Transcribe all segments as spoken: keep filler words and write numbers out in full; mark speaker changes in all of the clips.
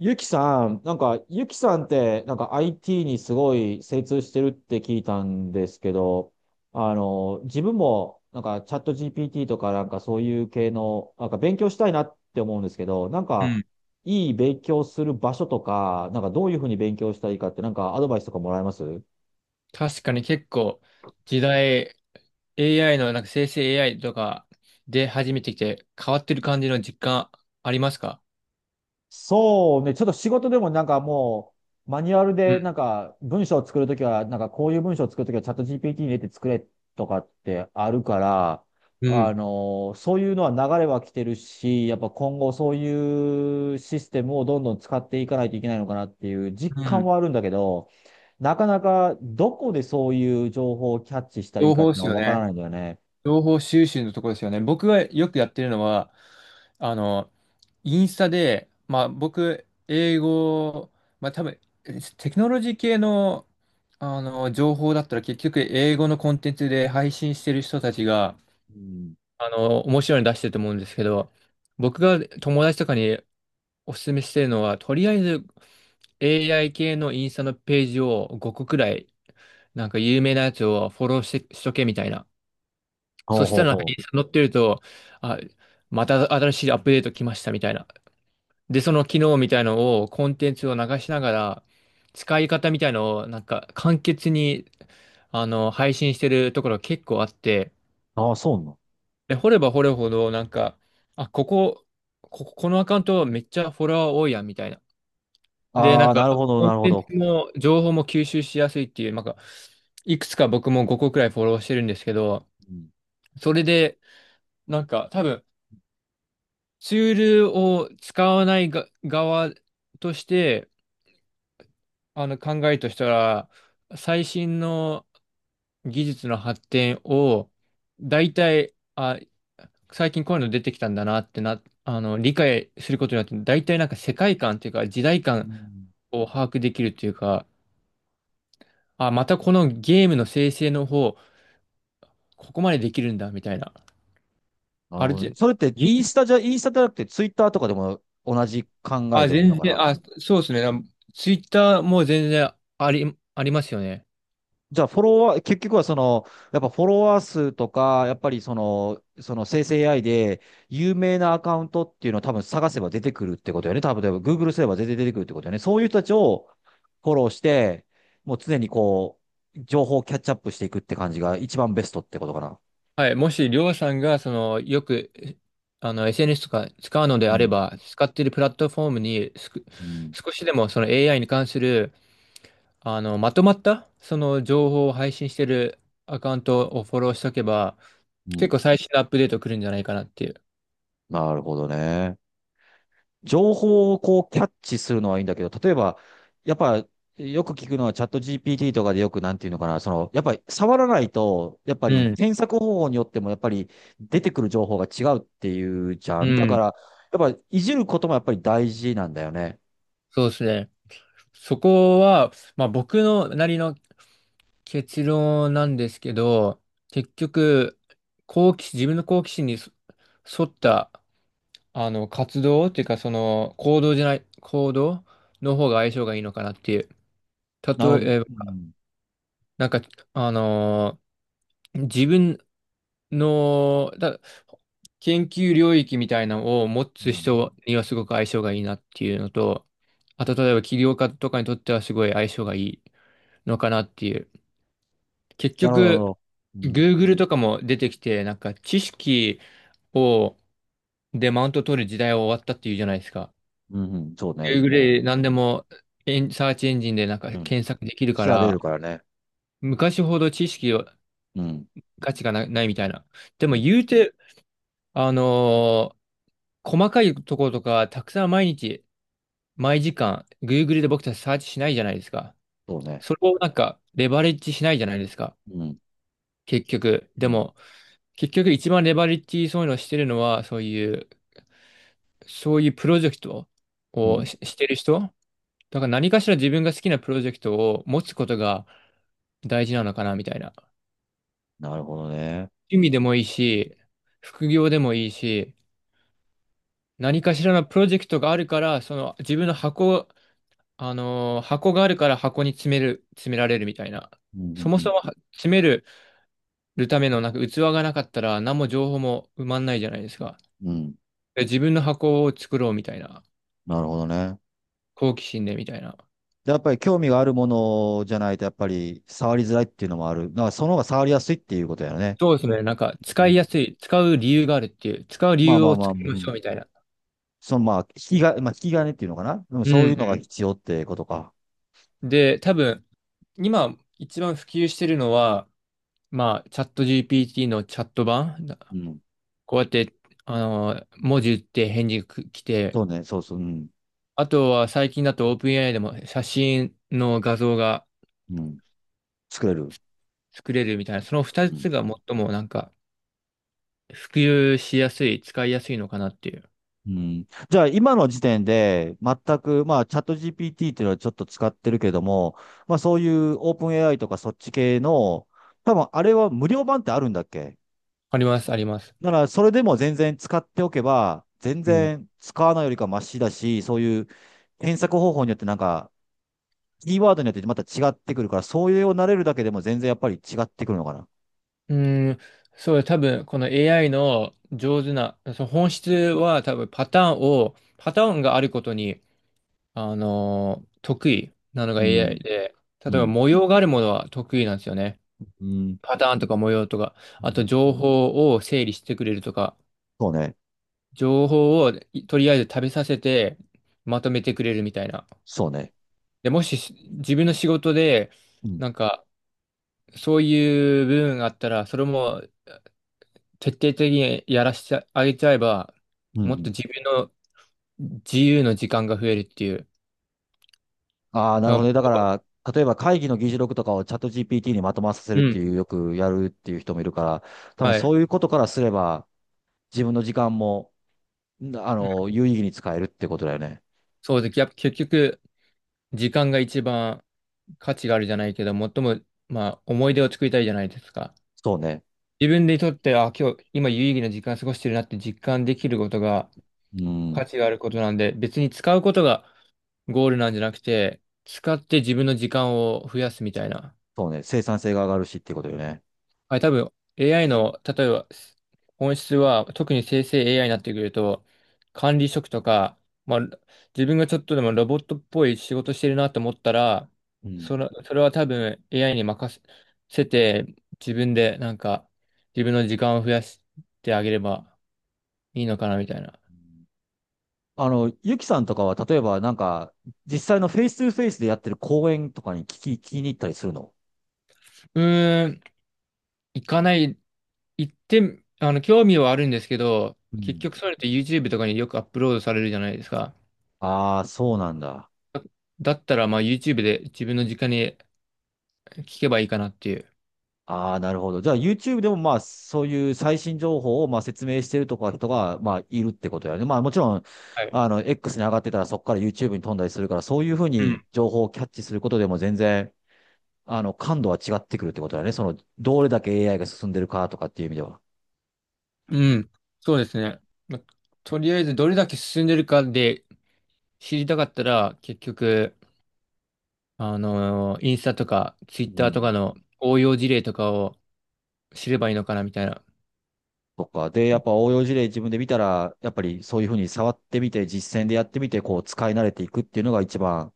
Speaker 1: ゆきさん、なんか、ゆきさんって、なんか アイティー にすごい精通してるって聞いたんですけど、あの、自分も、なんか、チャット ジーピーティー とか、なんかそういう系の、なんか勉強したいなって思うんですけど、なん
Speaker 2: う
Speaker 1: か、
Speaker 2: ん。
Speaker 1: いい勉強する場所とか、なんかどういうふうに勉強したらいいかって、なんかアドバイスとかもらえます？
Speaker 2: 確かに結構時代、 エーアイ のなんか生成 エーアイ とかで始めてきて変わってる感じの実感ありますか？
Speaker 1: そうね、ちょっと仕事でもなんかもう、マニュアル
Speaker 2: う
Speaker 1: で
Speaker 2: ん。
Speaker 1: なんか文章を作るときは、なんかこういう文章を作るときはチャット ジーピーティー に入れて作れとかってあるから、
Speaker 2: う
Speaker 1: あ
Speaker 2: ん。
Speaker 1: の、そういうのは流れは来てるし、やっぱ今後そういうシステムをどんどん使っていかないといけないのかなっていう実
Speaker 2: う
Speaker 1: 感
Speaker 2: ん。
Speaker 1: はあるんだけど、なかなかどこでそういう情報をキャッチしたらいい
Speaker 2: 情
Speaker 1: かって
Speaker 2: 報
Speaker 1: いう
Speaker 2: で
Speaker 1: の
Speaker 2: す
Speaker 1: は
Speaker 2: よ
Speaker 1: わから
Speaker 2: ね。
Speaker 1: ないんだよね。
Speaker 2: 情報収集のところですよね。僕がよくやってるのは、あの、インスタで、まあ僕、英語、まあ多分、テクノロジー系の、あの情報だったら結局英語のコンテンツで配信してる人たちが、
Speaker 1: うん。
Speaker 2: あの、面白いの出してると思うんですけど、僕が友達とかにお勧めしてるのは、とりあえず エーアイ 系のインスタのページをごこくらい、なんか有名なやつをフォローして、しとけみたいな。
Speaker 1: ほ
Speaker 2: そ
Speaker 1: う
Speaker 2: し
Speaker 1: ほ
Speaker 2: た
Speaker 1: う
Speaker 2: らなんか
Speaker 1: ほ
Speaker 2: イ
Speaker 1: う。
Speaker 2: ンスタ載ってると、あ、また新しいアップデート来ましたみたいな。で、その機能みたいのを、コンテンツを流しながら、使い方みたいのを、なんか簡潔に、あの、配信してるところ結構あって、
Speaker 1: ああ、そうなの。
Speaker 2: で、掘れば掘るほど、なんか、あ、ここ、ここ、このアカウントめっちゃフォロワー多いやん、みたいな。で、な
Speaker 1: あ
Speaker 2: ん
Speaker 1: あ、
Speaker 2: か、
Speaker 1: なるほど、
Speaker 2: コ
Speaker 1: な
Speaker 2: ン
Speaker 1: るほ
Speaker 2: テン
Speaker 1: ど。
Speaker 2: ツも、情報も吸収しやすいっていう、なんか、いくつか僕もごこくらいフォローしてるんですけど、
Speaker 1: うん。
Speaker 2: それで、なんか、多分、ツールを使わないが側として、あの、考えとしたら、最新の、技術の発展を、大体、あ、最近こういうの出てきたんだなってな、あの、理解することによって、大体なんか世界観というか、時代
Speaker 1: う
Speaker 2: 感
Speaker 1: ん。
Speaker 2: を把握できるというか、あ、またこのゲームの生成の方、ここまでできるんだ、みたいな。
Speaker 1: なる
Speaker 2: ある
Speaker 1: ほどね。
Speaker 2: じ、
Speaker 1: それって、
Speaker 2: ぎ
Speaker 1: インスタじゃ、インスタじゃなくて、ツイッターとかでも同じ考え
Speaker 2: あ、
Speaker 1: でもいいの
Speaker 2: 全
Speaker 1: か
Speaker 2: 然、
Speaker 1: な？
Speaker 2: あ、そうですね。ツイッターも全然あり、ありますよね。
Speaker 1: じゃあ、フォロワー、結局はその、やっぱフォロワー数とか、やっぱりその、その生成 エーアイ で、有名なアカウントっていうのを多分探せば出てくるってことよね。多分、例えば グーグル すれば全然出てくるってことよね。そういう人たちをフォローして、もう常にこう、情報をキャッチアップしていくって感じが一番ベストってことかな。
Speaker 2: はい、もし、りょうさんが、その、よく、えあの、エスエヌエス とか使うので
Speaker 1: う
Speaker 2: あれ
Speaker 1: ん。
Speaker 2: ば、使っているプラットフォームにすく、
Speaker 1: うん。
Speaker 2: 少しでも、その エーアイ に関する、あの、まとまった、その、情報を配信しているアカウントをフォローしておけば、
Speaker 1: う
Speaker 2: 結
Speaker 1: ん。
Speaker 2: 構最新のアップデート来るんじゃないかなっていう。
Speaker 1: なるほどね。情報をこうキャッチするのはいいんだけど、例えば、やっぱ、よく聞くのはチャット ジーピーティー とかでよくなんていうのかな、その、やっぱり触らないと、やっぱ
Speaker 2: う
Speaker 1: り
Speaker 2: ん。
Speaker 1: 検索方法によってもやっぱり出てくる情報が違うっていうじゃ
Speaker 2: う
Speaker 1: ん。だか
Speaker 2: ん。
Speaker 1: ら、やっぱいじることもやっぱり大事なんだよね。
Speaker 2: そうですね。そこは、まあ、僕のなりの結論なんですけど、結局、好奇心、自分の好奇心にそ沿った、あの、活動っていうか、その、行動じゃない、行動の方が相性がいいのかなっていう。
Speaker 1: なるほど。
Speaker 2: 例えば、
Speaker 1: うん。
Speaker 2: なんか、あのー自分の、だ、研究領域みたいなのを持
Speaker 1: う
Speaker 2: つ
Speaker 1: ん。
Speaker 2: 人にはすごく相性がいいなっていうのと、あと、例えば起業家とかにとってはすごい相性がいいのかなっていう。結
Speaker 1: なるほど、なる
Speaker 2: 局、
Speaker 1: ほど。うん。
Speaker 2: Google とかも出てきて、なんか知識を、でマウント取る時代は終わったっていうじゃないですか。
Speaker 1: うん、うん、そうね、
Speaker 2: Google
Speaker 1: も
Speaker 2: で何で
Speaker 1: う、
Speaker 2: もエン、サーチエンジンでなんか
Speaker 1: うん。
Speaker 2: 検索できるか
Speaker 1: 調べ
Speaker 2: ら、
Speaker 1: るからね。
Speaker 2: 昔ほど知識を、
Speaker 1: うん。
Speaker 2: 価値がな、ないみたいな。で
Speaker 1: う
Speaker 2: も
Speaker 1: ん。
Speaker 2: 言うて、あのー細かいところとか、たくさん毎日、毎時間、Google で僕たちサーチしないじゃないですか。
Speaker 1: そうね。
Speaker 2: それをなんか、レバレッジしないじゃないですか。
Speaker 1: うん。
Speaker 2: 結局。
Speaker 1: う
Speaker 2: で
Speaker 1: ん。
Speaker 2: も、結局一番レバレッジそういうのをしてるのは、そういう、そういうプロジェクト
Speaker 1: う
Speaker 2: を
Speaker 1: ん。
Speaker 2: し、してる人だから、何かしら自分が好きなプロジェクトを持つことが大事なのかな、みたいな。
Speaker 1: なるほどね。
Speaker 2: 趣味でもいい
Speaker 1: うん。
Speaker 2: し、副業でもいいし、何かしらのプロジェクトがあるから、その自分の箱、あのー箱があるから箱に詰める、詰められるみたいな。
Speaker 1: う
Speaker 2: そ
Speaker 1: ん。
Speaker 2: も
Speaker 1: う
Speaker 2: そ
Speaker 1: ん。
Speaker 2: もは詰めるためのなんか器がなかったら何も情報も埋まんないじゃないですか。
Speaker 1: うん。
Speaker 2: で自分の箱を作ろうみたいな。
Speaker 1: なるほどね。
Speaker 2: 好奇心でみたいな。
Speaker 1: で、やっぱり興味があるものじゃないと、やっぱり触りづらいっていうのもある。だからその方が触りやすいっていうことやね。
Speaker 2: そうですね。なんか
Speaker 1: う
Speaker 2: 使い
Speaker 1: ん。
Speaker 2: やすい、使う理由があるっていう、使う理
Speaker 1: まあ
Speaker 2: 由
Speaker 1: ま
Speaker 2: を
Speaker 1: あまあ、
Speaker 2: 作
Speaker 1: う
Speaker 2: りましょ
Speaker 1: ん。
Speaker 2: うみたいな。
Speaker 1: そのまあ、引きが、まあ、引き金っていうのかな。でも
Speaker 2: う
Speaker 1: そういうのが
Speaker 2: ん
Speaker 1: 必要ってことか。
Speaker 2: うん。で、多分、今一番普及してるのは、まあ、チャット ジーピーティー のチャット版、な
Speaker 1: うん。
Speaker 2: こうやって、あの、文字打って返事く来て、
Speaker 1: そうね、そうそう、うん。
Speaker 2: あとは最近だと オープンエーアイ でも写真の画像が
Speaker 1: うん。作れる。
Speaker 2: 作れるみたいな、その二
Speaker 1: うん。
Speaker 2: つが最もなんか普及しやすい、使いやすいのかなっていう。
Speaker 1: うん。じゃあ、今の時点で、全く、まあ、チャット ジーピーティー っていうのはちょっと使ってるけども、まあ、そういうオープン エーアイ とかそっち系の、多分、あれは無料版ってあるんだっけ？
Speaker 2: あります、あります。
Speaker 1: だから、それでも全然使っておけば、全
Speaker 2: うん。
Speaker 1: 然使わないよりかマシだし、そういう検索方法によってなんか、キーワードによってまた違ってくるから、そういうよを慣れるだけでも全然やっぱり違ってくるのかな。
Speaker 2: うーん、そう、多分この エーアイ の上手な、その本質は多分パターンを、パターンがあることにあの得意なの
Speaker 1: う
Speaker 2: が
Speaker 1: ん、
Speaker 2: エーアイ で、例
Speaker 1: う
Speaker 2: えば
Speaker 1: ん、
Speaker 2: 模様があるものは得意なんですよね。
Speaker 1: うん、
Speaker 2: パターンとか模様とか、
Speaker 1: う
Speaker 2: あと
Speaker 1: ん。
Speaker 2: 情報を整理してくれるとか、
Speaker 1: そうね。
Speaker 2: 情報をとりあえず食べさせてまとめてくれるみたいな。
Speaker 1: そうね。
Speaker 2: で、もしし自分の仕事で、
Speaker 1: うん、
Speaker 2: なんかそういう部分があったら、それも徹底的にやらせてあげちゃえば、
Speaker 1: う
Speaker 2: もっと
Speaker 1: ん。
Speaker 2: 自分の自由の時間が増えるっていう。
Speaker 1: ああー、なる
Speaker 2: だから、
Speaker 1: ほどね。だから、例えば会議の議事録とかをチャット ジーピーティー にまとまらさせる
Speaker 2: う
Speaker 1: っていう、
Speaker 2: ん。
Speaker 1: よくやるっていう人もいるから、多分
Speaker 2: はい。
Speaker 1: そういうことからすれば、自分の時間も、んあ
Speaker 2: うん
Speaker 1: の、有意義に使えるってことだよね。
Speaker 2: そうです。やっぱ結局、時間が一番価値があるじゃないけど、最も、まあ、思い出を作りたいじゃないですか。
Speaker 1: そうね。
Speaker 2: 自分でとって、あ、今日、今有意義な時間過ごしてるなって実感できることが
Speaker 1: うん。
Speaker 2: 価値があることなんで、別に使うことがゴールなんじゃなくて、使って自分の時間を増やすみたいな。
Speaker 1: そうね、生産性が上がるしっていうことよね。
Speaker 2: はい、多分 エーアイ の、例えば本質は、特に生成 エーアイ になってくると、管理職とか、まあ、自分がちょっとでもロボットっぽい仕事してるなと思ったら、
Speaker 1: うん。
Speaker 2: それ、それは多分 エーアイ に任せて、自分でなんか、自分の時間を増やしてあげればいいのかなみたいな。
Speaker 1: あの、ゆきさんとかは、例えばなんか、実際のフェイストゥフェイスでやってる講演とかに聞き、聞きに行ったりするの？
Speaker 2: うーん、行かない、行って、あの、興味はあるんですけど、
Speaker 1: う
Speaker 2: 結
Speaker 1: ん。
Speaker 2: 局それって YouTube とかによくアップロードされるじゃないですか。
Speaker 1: ああ、そうなんだ。
Speaker 2: だったら、まあ YouTube で自分の時間に聞けばいいかなっていう。
Speaker 1: ああ、なるほど。じゃあ YouTube でもまあ、そういう最新情報をまあ説明してるとか人がまあいるってことやね。まあもちろん、
Speaker 2: はい。
Speaker 1: あの、エックス に上がってたらそこから YouTube に飛んだりするから、そういうふう
Speaker 2: うん。
Speaker 1: に情報をキャッチすることでも全然、あの、感度は違ってくるってことだね。その、どれだけ エーアイ が進んでるかとかっていう意味では。
Speaker 2: うん。そうですね。まあとりあえずどれだけ進んでるかで知りたかったら、結局、あのーインスタとかツイ
Speaker 1: う
Speaker 2: ッターとか
Speaker 1: ん。
Speaker 2: の応用事例とかを知ればいいのかなみたいな。
Speaker 1: とかで、やっぱ応用事例自分で見たら、やっぱりそういうふうに触ってみて、実践でやってみて、こう使い慣れていくっていうのが一番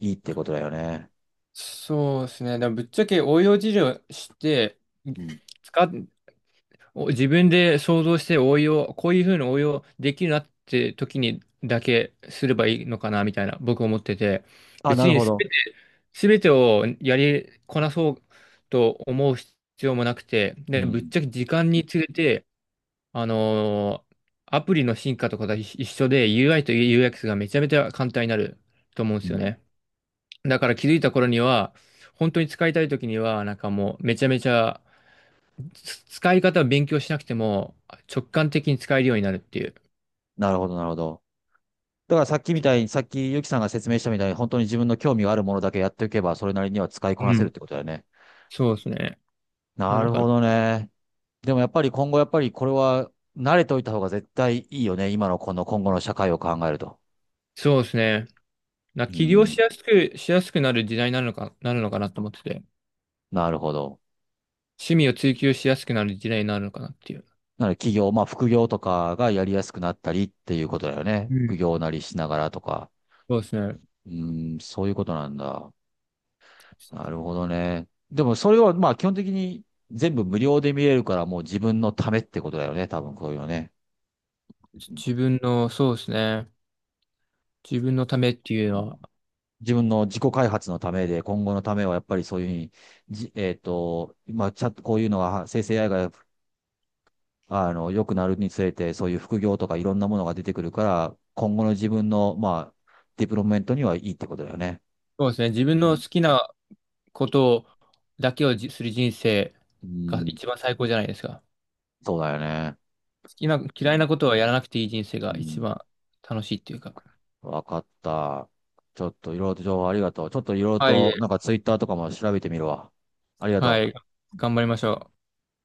Speaker 1: いいってことだよね。
Speaker 2: そうですね。でもぶっちゃけ応用事例をして、
Speaker 1: うん。
Speaker 2: 使っお自分で想像して応用、こういうふうに応用できるなって時にだけすればいいのかなみたいな僕思ってて、
Speaker 1: あ、
Speaker 2: 別
Speaker 1: なる
Speaker 2: に
Speaker 1: ほ
Speaker 2: す
Speaker 1: ど。
Speaker 2: べて、全てをやりこなそうと思う必要もなくて、
Speaker 1: う
Speaker 2: で、ぶっ
Speaker 1: ん。
Speaker 2: ちゃけ時間につれて、あのーアプリの進化とかと一一緒で ユーアイ と ユーエックス がめちゃめちゃ簡単になると思うんで
Speaker 1: う
Speaker 2: すよ
Speaker 1: ん。
Speaker 2: ね。だから気づいた頃には、本当に使いたい時には、なんかもうめちゃめちゃつ使い方を勉強しなくても直感的に使えるようになるっていう。
Speaker 1: なるほど、なるほど。だからさっきみたいに、さっきゆきさんが説明したみたいに、本当に自分の興味があるものだけやっておけば、それなりには使いこな
Speaker 2: う
Speaker 1: せるっ
Speaker 2: ん。
Speaker 1: てことだよね。
Speaker 2: そうですね。な
Speaker 1: な
Speaker 2: の
Speaker 1: る
Speaker 2: か
Speaker 1: ほ
Speaker 2: な。
Speaker 1: どね。でもやっぱり今後、やっぱりこれは慣れておいた方が絶対いいよね。今のこの今後の社会を考えると。
Speaker 2: そうですね。な、
Speaker 1: う
Speaker 2: 起業
Speaker 1: ん。
Speaker 2: しやすく、しやすくなる時代になるのか、なるのかなと思ってて、
Speaker 1: なるほど。
Speaker 2: 趣味を追求しやすくなる時代になるのかなっていう。
Speaker 1: なので企業、まあ副業とかがやりやすくなったりっていうことだよね。
Speaker 2: うん。
Speaker 1: 副業なりしながらとか。
Speaker 2: そうですね。
Speaker 1: うーん、そういうことなんだ。なるほどね。でもそれはまあ基本的に全部無料で見れるからもう自分のためってことだよね。多分こういうのね。
Speaker 2: じ
Speaker 1: う
Speaker 2: 自分の、そうですね。自分のためっていうの
Speaker 1: ん。
Speaker 2: は、
Speaker 1: 自分の自己開発のためで、今後のためはやっぱりそういうふうに、じ、えっと、まあ、ちゃんとこういうのが、生成 エーアイ が、あの、良くなるにつれて、そういう副業とかいろんなものが出てくるから、今後の自分の、まあ、ディプロップメントにはいいってことだよね。
Speaker 2: そうですね。自分
Speaker 1: う
Speaker 2: の好きなことだけをじする人生が
Speaker 1: ん、
Speaker 2: 一番最高じゃないですか。
Speaker 1: そうだよね。
Speaker 2: 好きな、
Speaker 1: う
Speaker 2: 嫌い
Speaker 1: ん、
Speaker 2: なことはやらなくていい人生
Speaker 1: う
Speaker 2: が一
Speaker 1: ん、
Speaker 2: 番楽しいっていうか。
Speaker 1: わかった。ちょっといろいろと情報ありがとう。ちょっといろいろ
Speaker 2: は
Speaker 1: と、な
Speaker 2: い、
Speaker 1: んかツイッターとかも調べてみるわ。ありが
Speaker 2: は
Speaker 1: と
Speaker 2: い。
Speaker 1: う。
Speaker 2: 頑張りましょう。